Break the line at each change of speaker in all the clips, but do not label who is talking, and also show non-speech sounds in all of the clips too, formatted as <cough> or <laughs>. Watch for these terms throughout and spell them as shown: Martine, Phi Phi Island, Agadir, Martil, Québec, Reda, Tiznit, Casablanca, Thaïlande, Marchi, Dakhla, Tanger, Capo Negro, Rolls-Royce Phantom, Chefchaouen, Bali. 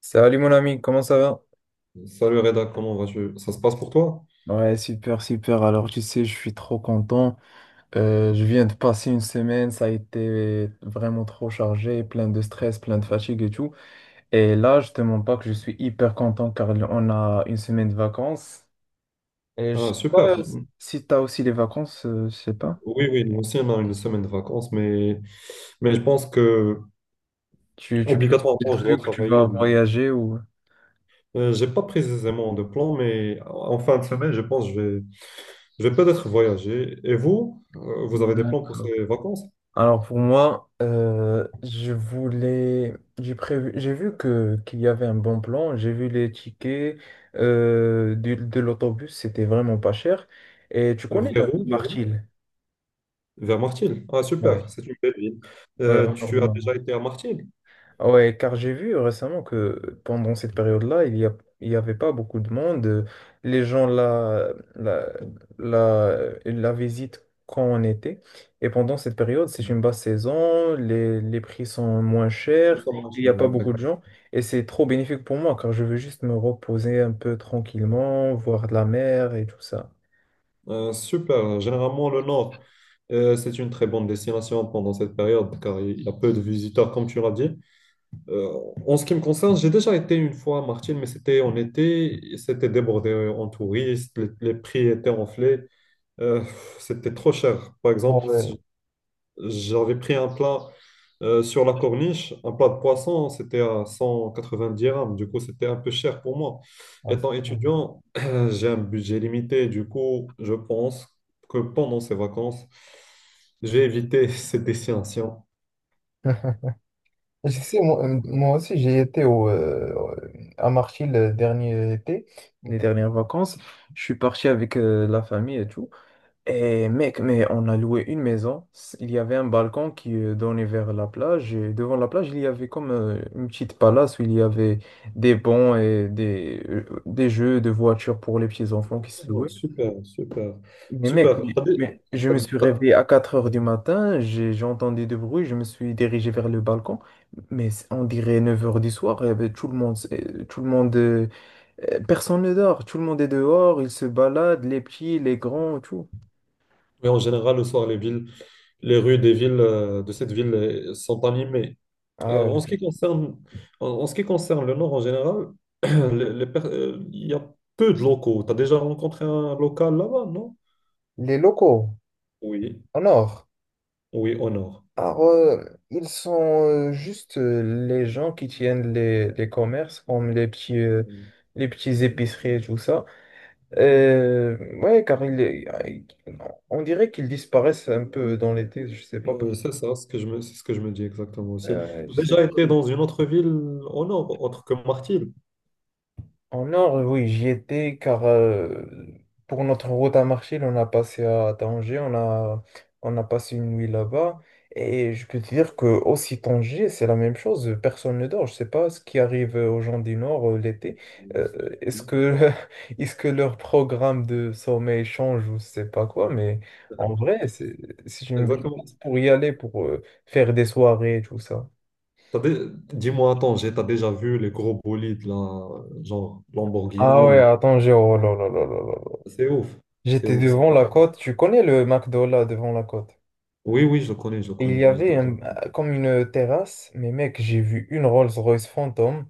Salut mon ami, comment ça va?
Salut Reda, comment vas-tu? Ça se passe pour toi?
Ouais, super, super. Alors, tu sais, je suis trop content. Je viens de passer une semaine, ça a été vraiment trop chargé, plein de stress, plein de fatigue et tout. Et là, je te mens pas que je suis hyper content car on a une semaine de vacances. Et je
Ah,
sais pas
super.
si t'as aussi les vacances, je sais pas.
Oui, oui, nous aussi, on a une semaine de vacances, mais je pense que
Tu prépares des
obligatoirement, je dois
trucs, tu vas
travailler.
voyager ou...
J'ai pas précisément de plan, mais en fin de semaine, je pense que je vais peut-être voyager. Et vous, vous avez des plans pour
D'accord.
ces vacances?
Alors pour moi, j'ai prévu, j'ai vu que qu'il y avait un bon plan. J'ai vu les tickets l'autobus, c'était vraiment pas cher. Et tu connais la
Vers où?
ville
Vers où
Martil?
Vers Martil. Ah, super,
Ouais,
c'est une belle ville.
ouais, au nord du
Tu as
Maroc.
déjà été à Martil?
Ah ouais, car j'ai vu récemment que pendant cette période-là, il y avait pas beaucoup de monde. Les gens la, la visitent quand on était. Et pendant cette période, c'est
Mhm.
une basse saison, les prix sont moins
Et
chers,
ça marche,
il n'y a pas
oui.
beaucoup de gens. Et c'est trop bénéfique pour moi, car je veux juste me reposer un peu tranquillement, voir de la mer et tout ça.
Super. Généralement, le Nord, c'est une très bonne destination pendant cette période car il y a peu de visiteurs, comme tu l'as dit. Euh, en ce qui me concerne, j'ai déjà été une fois à Martine, mais c'était en été. Et c'était débordé en touristes, les prix étaient enflés. Euh, c'était trop cher. Par
Ah
exemple,
ouais.
j'avais pris un plat sur la corniche, un plat de poisson, c'était à 190 dirhams. Du coup, c'était un peu cher pour moi.
Ah, c'est
Étant
cool.
étudiant, <clears throat> j'ai un budget limité. Du coup, je pense que pendant ces vacances, j'ai évité <laughs> ces destination.
<laughs> Je sais, moi, moi aussi, j'ai été à Marchi le dernier été, les dernières vacances. Je suis parti avec la famille et tout. Et mec, mais on a loué une maison. Il y avait un balcon qui donnait vers la plage. Et devant la plage, il y avait comme une petite palace où il y avait des bancs et des jeux de voitures pour les petits enfants qui se
Oh,
louaient.
super, super,
Mais mec,
super.
mais-
T'as dé-
mais je
t'as-
me suis
t'as-
réveillé à 4 heures du matin, j'ai entendu du bruit, je me suis dirigé vers le balcon, mais on dirait 9 heures du soir, eh ben, tout le monde, tout le monde, personne ne dort, tout le monde est dehors, ils se baladent, les petits, les grands, tout.
Oui, en général, le soir, les rues des villes de cette ville sont animées. En ce
Ah,
qui concerne, en ce qui concerne le Nord en général, <clears throat> il y a peu de locaux. Tu as déjà rencontré un local là-bas, non?
les locaux,
Oui.
en or.
Oui, au Nord.
Alors, ils sont juste les gens qui tiennent les commerces, comme les petits, euh,
Mm.
les petits épiceries et tout ça. Ouais, car on dirait qu'ils disparaissent un peu dans l'été, je sais pas.
Oui, c'est ça, ce que je me, c'est ce que je me dis exactement aussi. Tu as
Je sais
déjà
pas.
été dans une autre ville au Nord, autre que Martil?
En Nord, oui, j'y étais car pour notre route à Marchil, on a passé à Tanger, on a passé une nuit là-bas. Et je peux te dire que aussi Tanger, c'est la même chose, personne ne dort. Je sais pas ce qui arrive aux gens du Nord l'été.
Mm.
Euh, est-ce
Oui.
que, <laughs> est-ce que leur programme de sommeil change ou je sais pas quoi, mais en vrai, c'est une belle place
Exactement.
pour y aller, pour faire des soirées et tout ça.
T'as dé- Dis-moi, attends, t'as déjà vu les gros bolides, là, genre
Ah
Lamborghini
ouais,
ou...
à Tanger, oh là là là là là.
C'est ouf. C'est
J'étais
ouf, c'est
devant
vrai.
la côte, tu connais le McDo là devant la côte.
Oui, oui, je le
Et il y
connais, j'ai
avait
déjà.
un- Comme une terrasse, mais mec, j'ai vu une Rolls-Royce Phantom.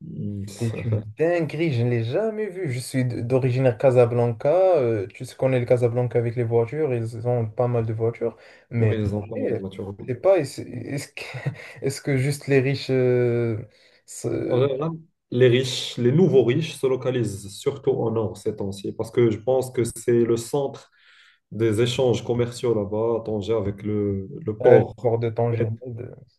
Mm, ça-
C'est une
<laughs>
dinguerie, je ne l'ai jamais vue. Je suis d'origine Casablanca, tu sais, connais le Casablanca avec les voitures, ils ont pas mal de voitures.
Oui,
Mais
ils ont pas mal de
eh,
voitures. Oui.
c'est pas, <laughs> est-ce que juste les riches
En
se-
général, les nouveaux riches se localisent surtout au nord ces temps-ci, parce que je pense que c'est le centre des échanges commerciaux là-bas, à Tanger, avec le
le
port.
port de
Mais
Tanger?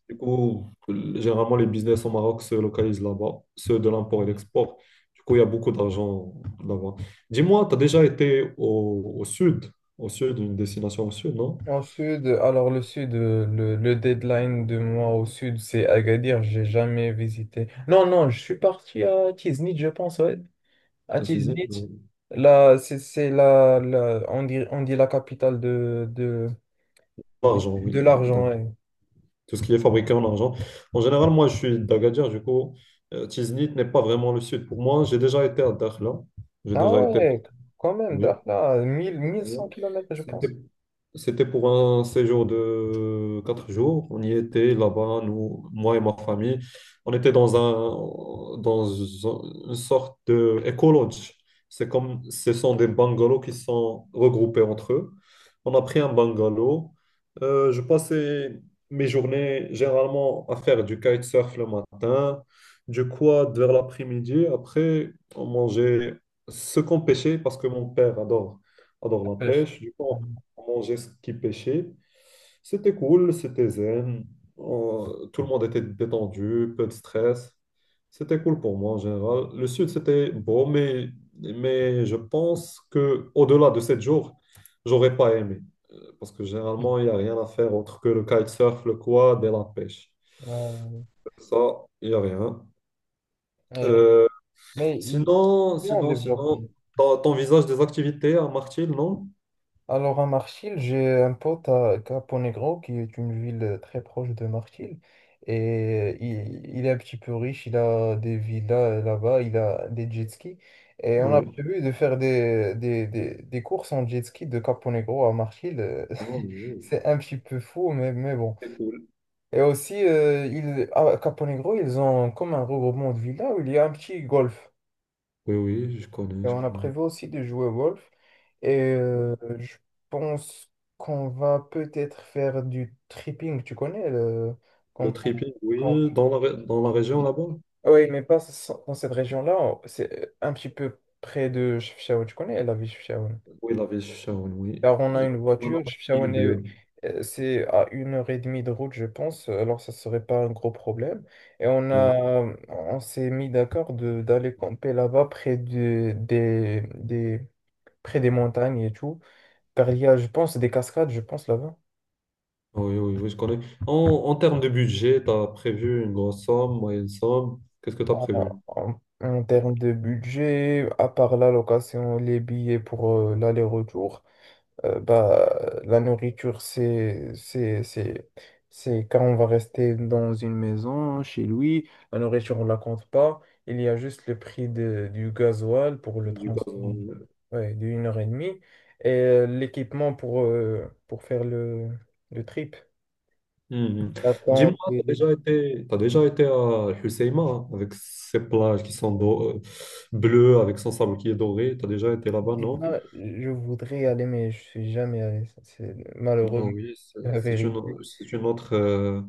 du coup, généralement, les business au Maroc se localisent là-bas, ceux de l'import et l'export. Du coup, il y a beaucoup d'argent là-bas. Dis-moi, tu as déjà été au, au sud, une destination au sud, non?
En sud, alors le sud, le deadline de moi au sud, c'est Agadir, j'ai jamais visité. Non, non, je suis parti à Tiznit, je pense, ouais. À
Utiliser
Tiznit,
pour
là, c'est on dit, la capitale
l'argent, oui.
de l'argent,
Donc,
ouais.
tout ce qui est fabriqué en argent. En général, moi, je suis d'Agadir, du coup, Tiznit n'est pas vraiment le sud. Pour moi, j'ai déjà été à Dakhla. J'ai
Ah
déjà été,
ouais, quand même,
oui.
Dakhla, mille
Exactement.
cent kilomètres je
C'était,
pense.
c'était pour un séjour de 4 jours. On y était là-bas, moi et ma famille. On était dans un, dans une sorte de éco-lodge. C'est comme, ce sont des bungalows qui sont regroupés entre eux. On a pris un bungalow. Je passais mes journées généralement à faire du kitesurf le matin, du quad vers l'après-midi. Après, on mangeait ce qu'on pêchait parce que mon père adore
La
la
pêche.
pêche. Du coup, on mangeait ce qui pêchait. C'était cool, c'était zen. On- tout le monde était détendu, peu de stress. C'était cool pour moi en général. Le sud, c'était beau, mais, je pense que au-delà de 7 jours, j'aurais pas aimé. Parce que généralement, il n'y
<laughs>
a rien à faire autre que le kitesurf, le quad et la pêche.
Euh,
Ça, il n'y a rien.
ouais.
Euh,
mais ils,
sinon,
ils ont
sinon,
développé.
sinon, t'envisages des activités à Martil, non?
Alors à Marchil, j'ai un pote à Capo Negro, qui est une ville très proche de Marchil. Et il est un petit peu riche, il a des villas là-bas, il a des jet skis. Et on a
Oui.
prévu de faire des courses en jet ski de Capo Negro à Marchil.
Oh,
<laughs>
oui.
C'est un petit peu fou, mais bon.
C'est cool.
Et aussi, à Capo Negro, ils ont comme un regroupement de villas où il y a un petit golf.
Oui, oui, je connais,
Et
je
on a
connais.
prévu aussi de jouer Wolf. Et je pense qu'on va peut-être faire du tripping. Tu connais
Le
camp-
tripping,
camp-
oui, dans la région là-bas?
Ah oui, mais pas dans cette région-là. C'est un petit peu près de Chefchaouen. Tu connais la ville de Chefchaouen?
Oui, la ville Sharon, oui.
Car on a
Euh,
une
dans
voiture.
la ville bleue.
C'est à 1 h 30 de route, je pense. Alors, ça serait pas un gros problème. Et
Oui,
on s'est mis d'accord de d'aller camper là-bas près des montagnes et tout. Car il y a, je pense, des cascades, je pense, là-bas.
oui, oui, je connais. En, en termes de budget, tu as prévu une grosse somme, moyenne somme. Qu'est-ce que tu as prévu?
Alors, En termes de budget, à part la location, les billets pour l'aller-retour, bah, la nourriture, c'est quand on va rester dans une maison, chez lui. La nourriture, on ne la compte pas. Il y a juste le prix du gasoil pour le
Du gaz,
transport
oui.
ouais, de 1 heure et demie et l'équipement pour faire le trip.
Mhm.
La tente,
Dis-moi, t'as déjà été à Husseima hein, avec ses plages qui sont bleues, avec son sable qui est doré. T'as déjà été là-bas, non?
Ah, je voudrais y aller, mais je suis jamais allé. Ça, c'est malheureux,
Non,
mais
oui,
c'est la vérité.
c'est une autre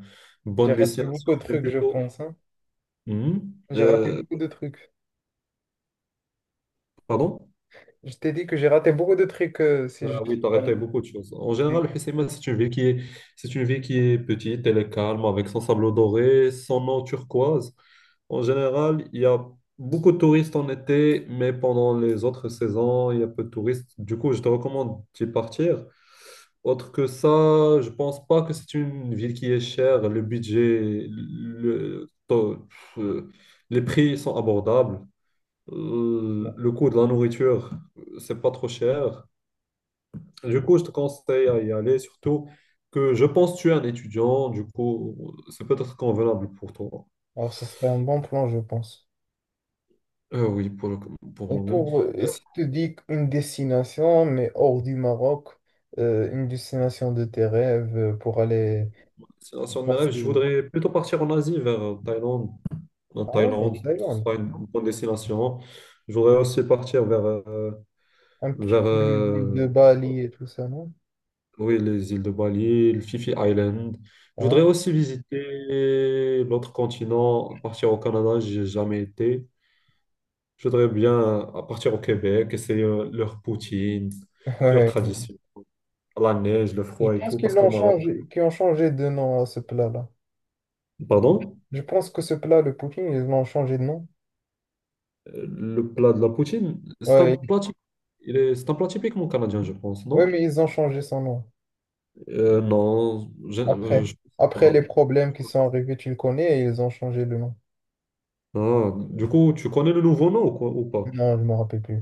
J'ai
bonne
raté
destination,
beaucoup de
mais
trucs, je
plutôt.
pense, hein.
Mhm.
J'ai raté
Euh,
beaucoup de trucs.
pardon?
Je t'ai dit que j'ai raté beaucoup de trucs si je
Ah oui,
suis
tu as
pas
raté
allé.
beaucoup de choses. En général, Hussima, c'est une ville qui est petite, elle est calme, avec son sable doré, son eau turquoise. En général, il y a beaucoup de touristes en été, mais pendant les autres saisons, il y a peu de touristes. Du coup, je te recommande d'y partir. Autre que ça, je pense pas que c'est une ville qui est chère. Le budget, le, to- euh, les prix sont abordables.
Bon.
Le coût de la nourriture, c'est pas trop cher. Du coup, je te conseille à y aller, surtout que je pense que tu es un étudiant, du coup, c'est peut-être convenable pour toi.
Alors, ce serait un bon plan, je pense.
Oui, pour
Et
moi-même.
pour,
Euh,
si tu dis une destination, mais hors du Maroc, une destination de tes rêves pour aller
sinon, sur mes rêves, je
passer.
voudrais plutôt partir en Asie, vers Thaïlande. En
Ah ouais, il y a
Thaïlande,
des
ce
Thaïlandes.
sera une bonne destination. Je voudrais aussi partir vers,
Un petit
vers
peu l'île de Bali et tout ça, non?
oui, les îles de Bali, le Phi Phi Island. Je voudrais
Ouais,
aussi visiter l'autre continent, partir au Canada, j'ai jamais été. Je voudrais bien à partir au Québec, essayer leur poutine,
<laughs>
leur
ouais. Ouais.
tradition, la neige, le
Je
froid et
pense
tout,
qu'ils l'ont changé, qu'ils ont changé de nom à ce plat-là.
Pardon,
Je pense que ce plat, le poutine, ils l'ont changé de nom.
le plat de la poutine, c'est un
Ouais,
plat, typique il est, c'est un plat typiquement canadien, je pense,
ouais,
non?
mais ils ont changé son nom.
Euh, non,
Après,
je sais
après les
pas.
problèmes qui sont arrivés, tu le connais, et ils ont changé le nom.
Ah, du coup, tu connais le nouveau nom ou quoi, ou pas?
Non, je me rappelle plus.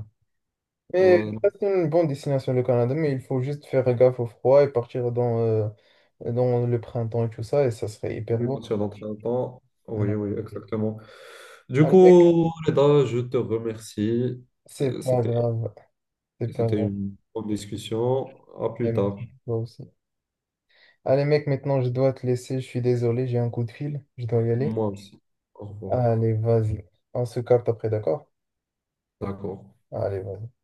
Mais
Euh,
ça, c'est une bonne destination, le Canada, mais il faut juste faire gaffe au froid et partir dans le printemps et tout ça, et ça serait hyper
oui,
beau.
partir dans très longtemps. Oui,
Ouais.
oui, exactement. Du
Allez, mec,
coup, Reda, je te remercie.
c'est
Euh,
pas
C'était
grave. C'est pas
C'était
grave.
une bonne discussion. À
Allez,
plus tard.
merci, toi aussi. Allez, mec, maintenant, je dois te laisser. Je suis désolé, j'ai un coup de fil. Je dois y aller.
Moi aussi. Au revoir.
Allez, vas-y. On se capte après, d'accord?
D'accord.
Allez, vas-y.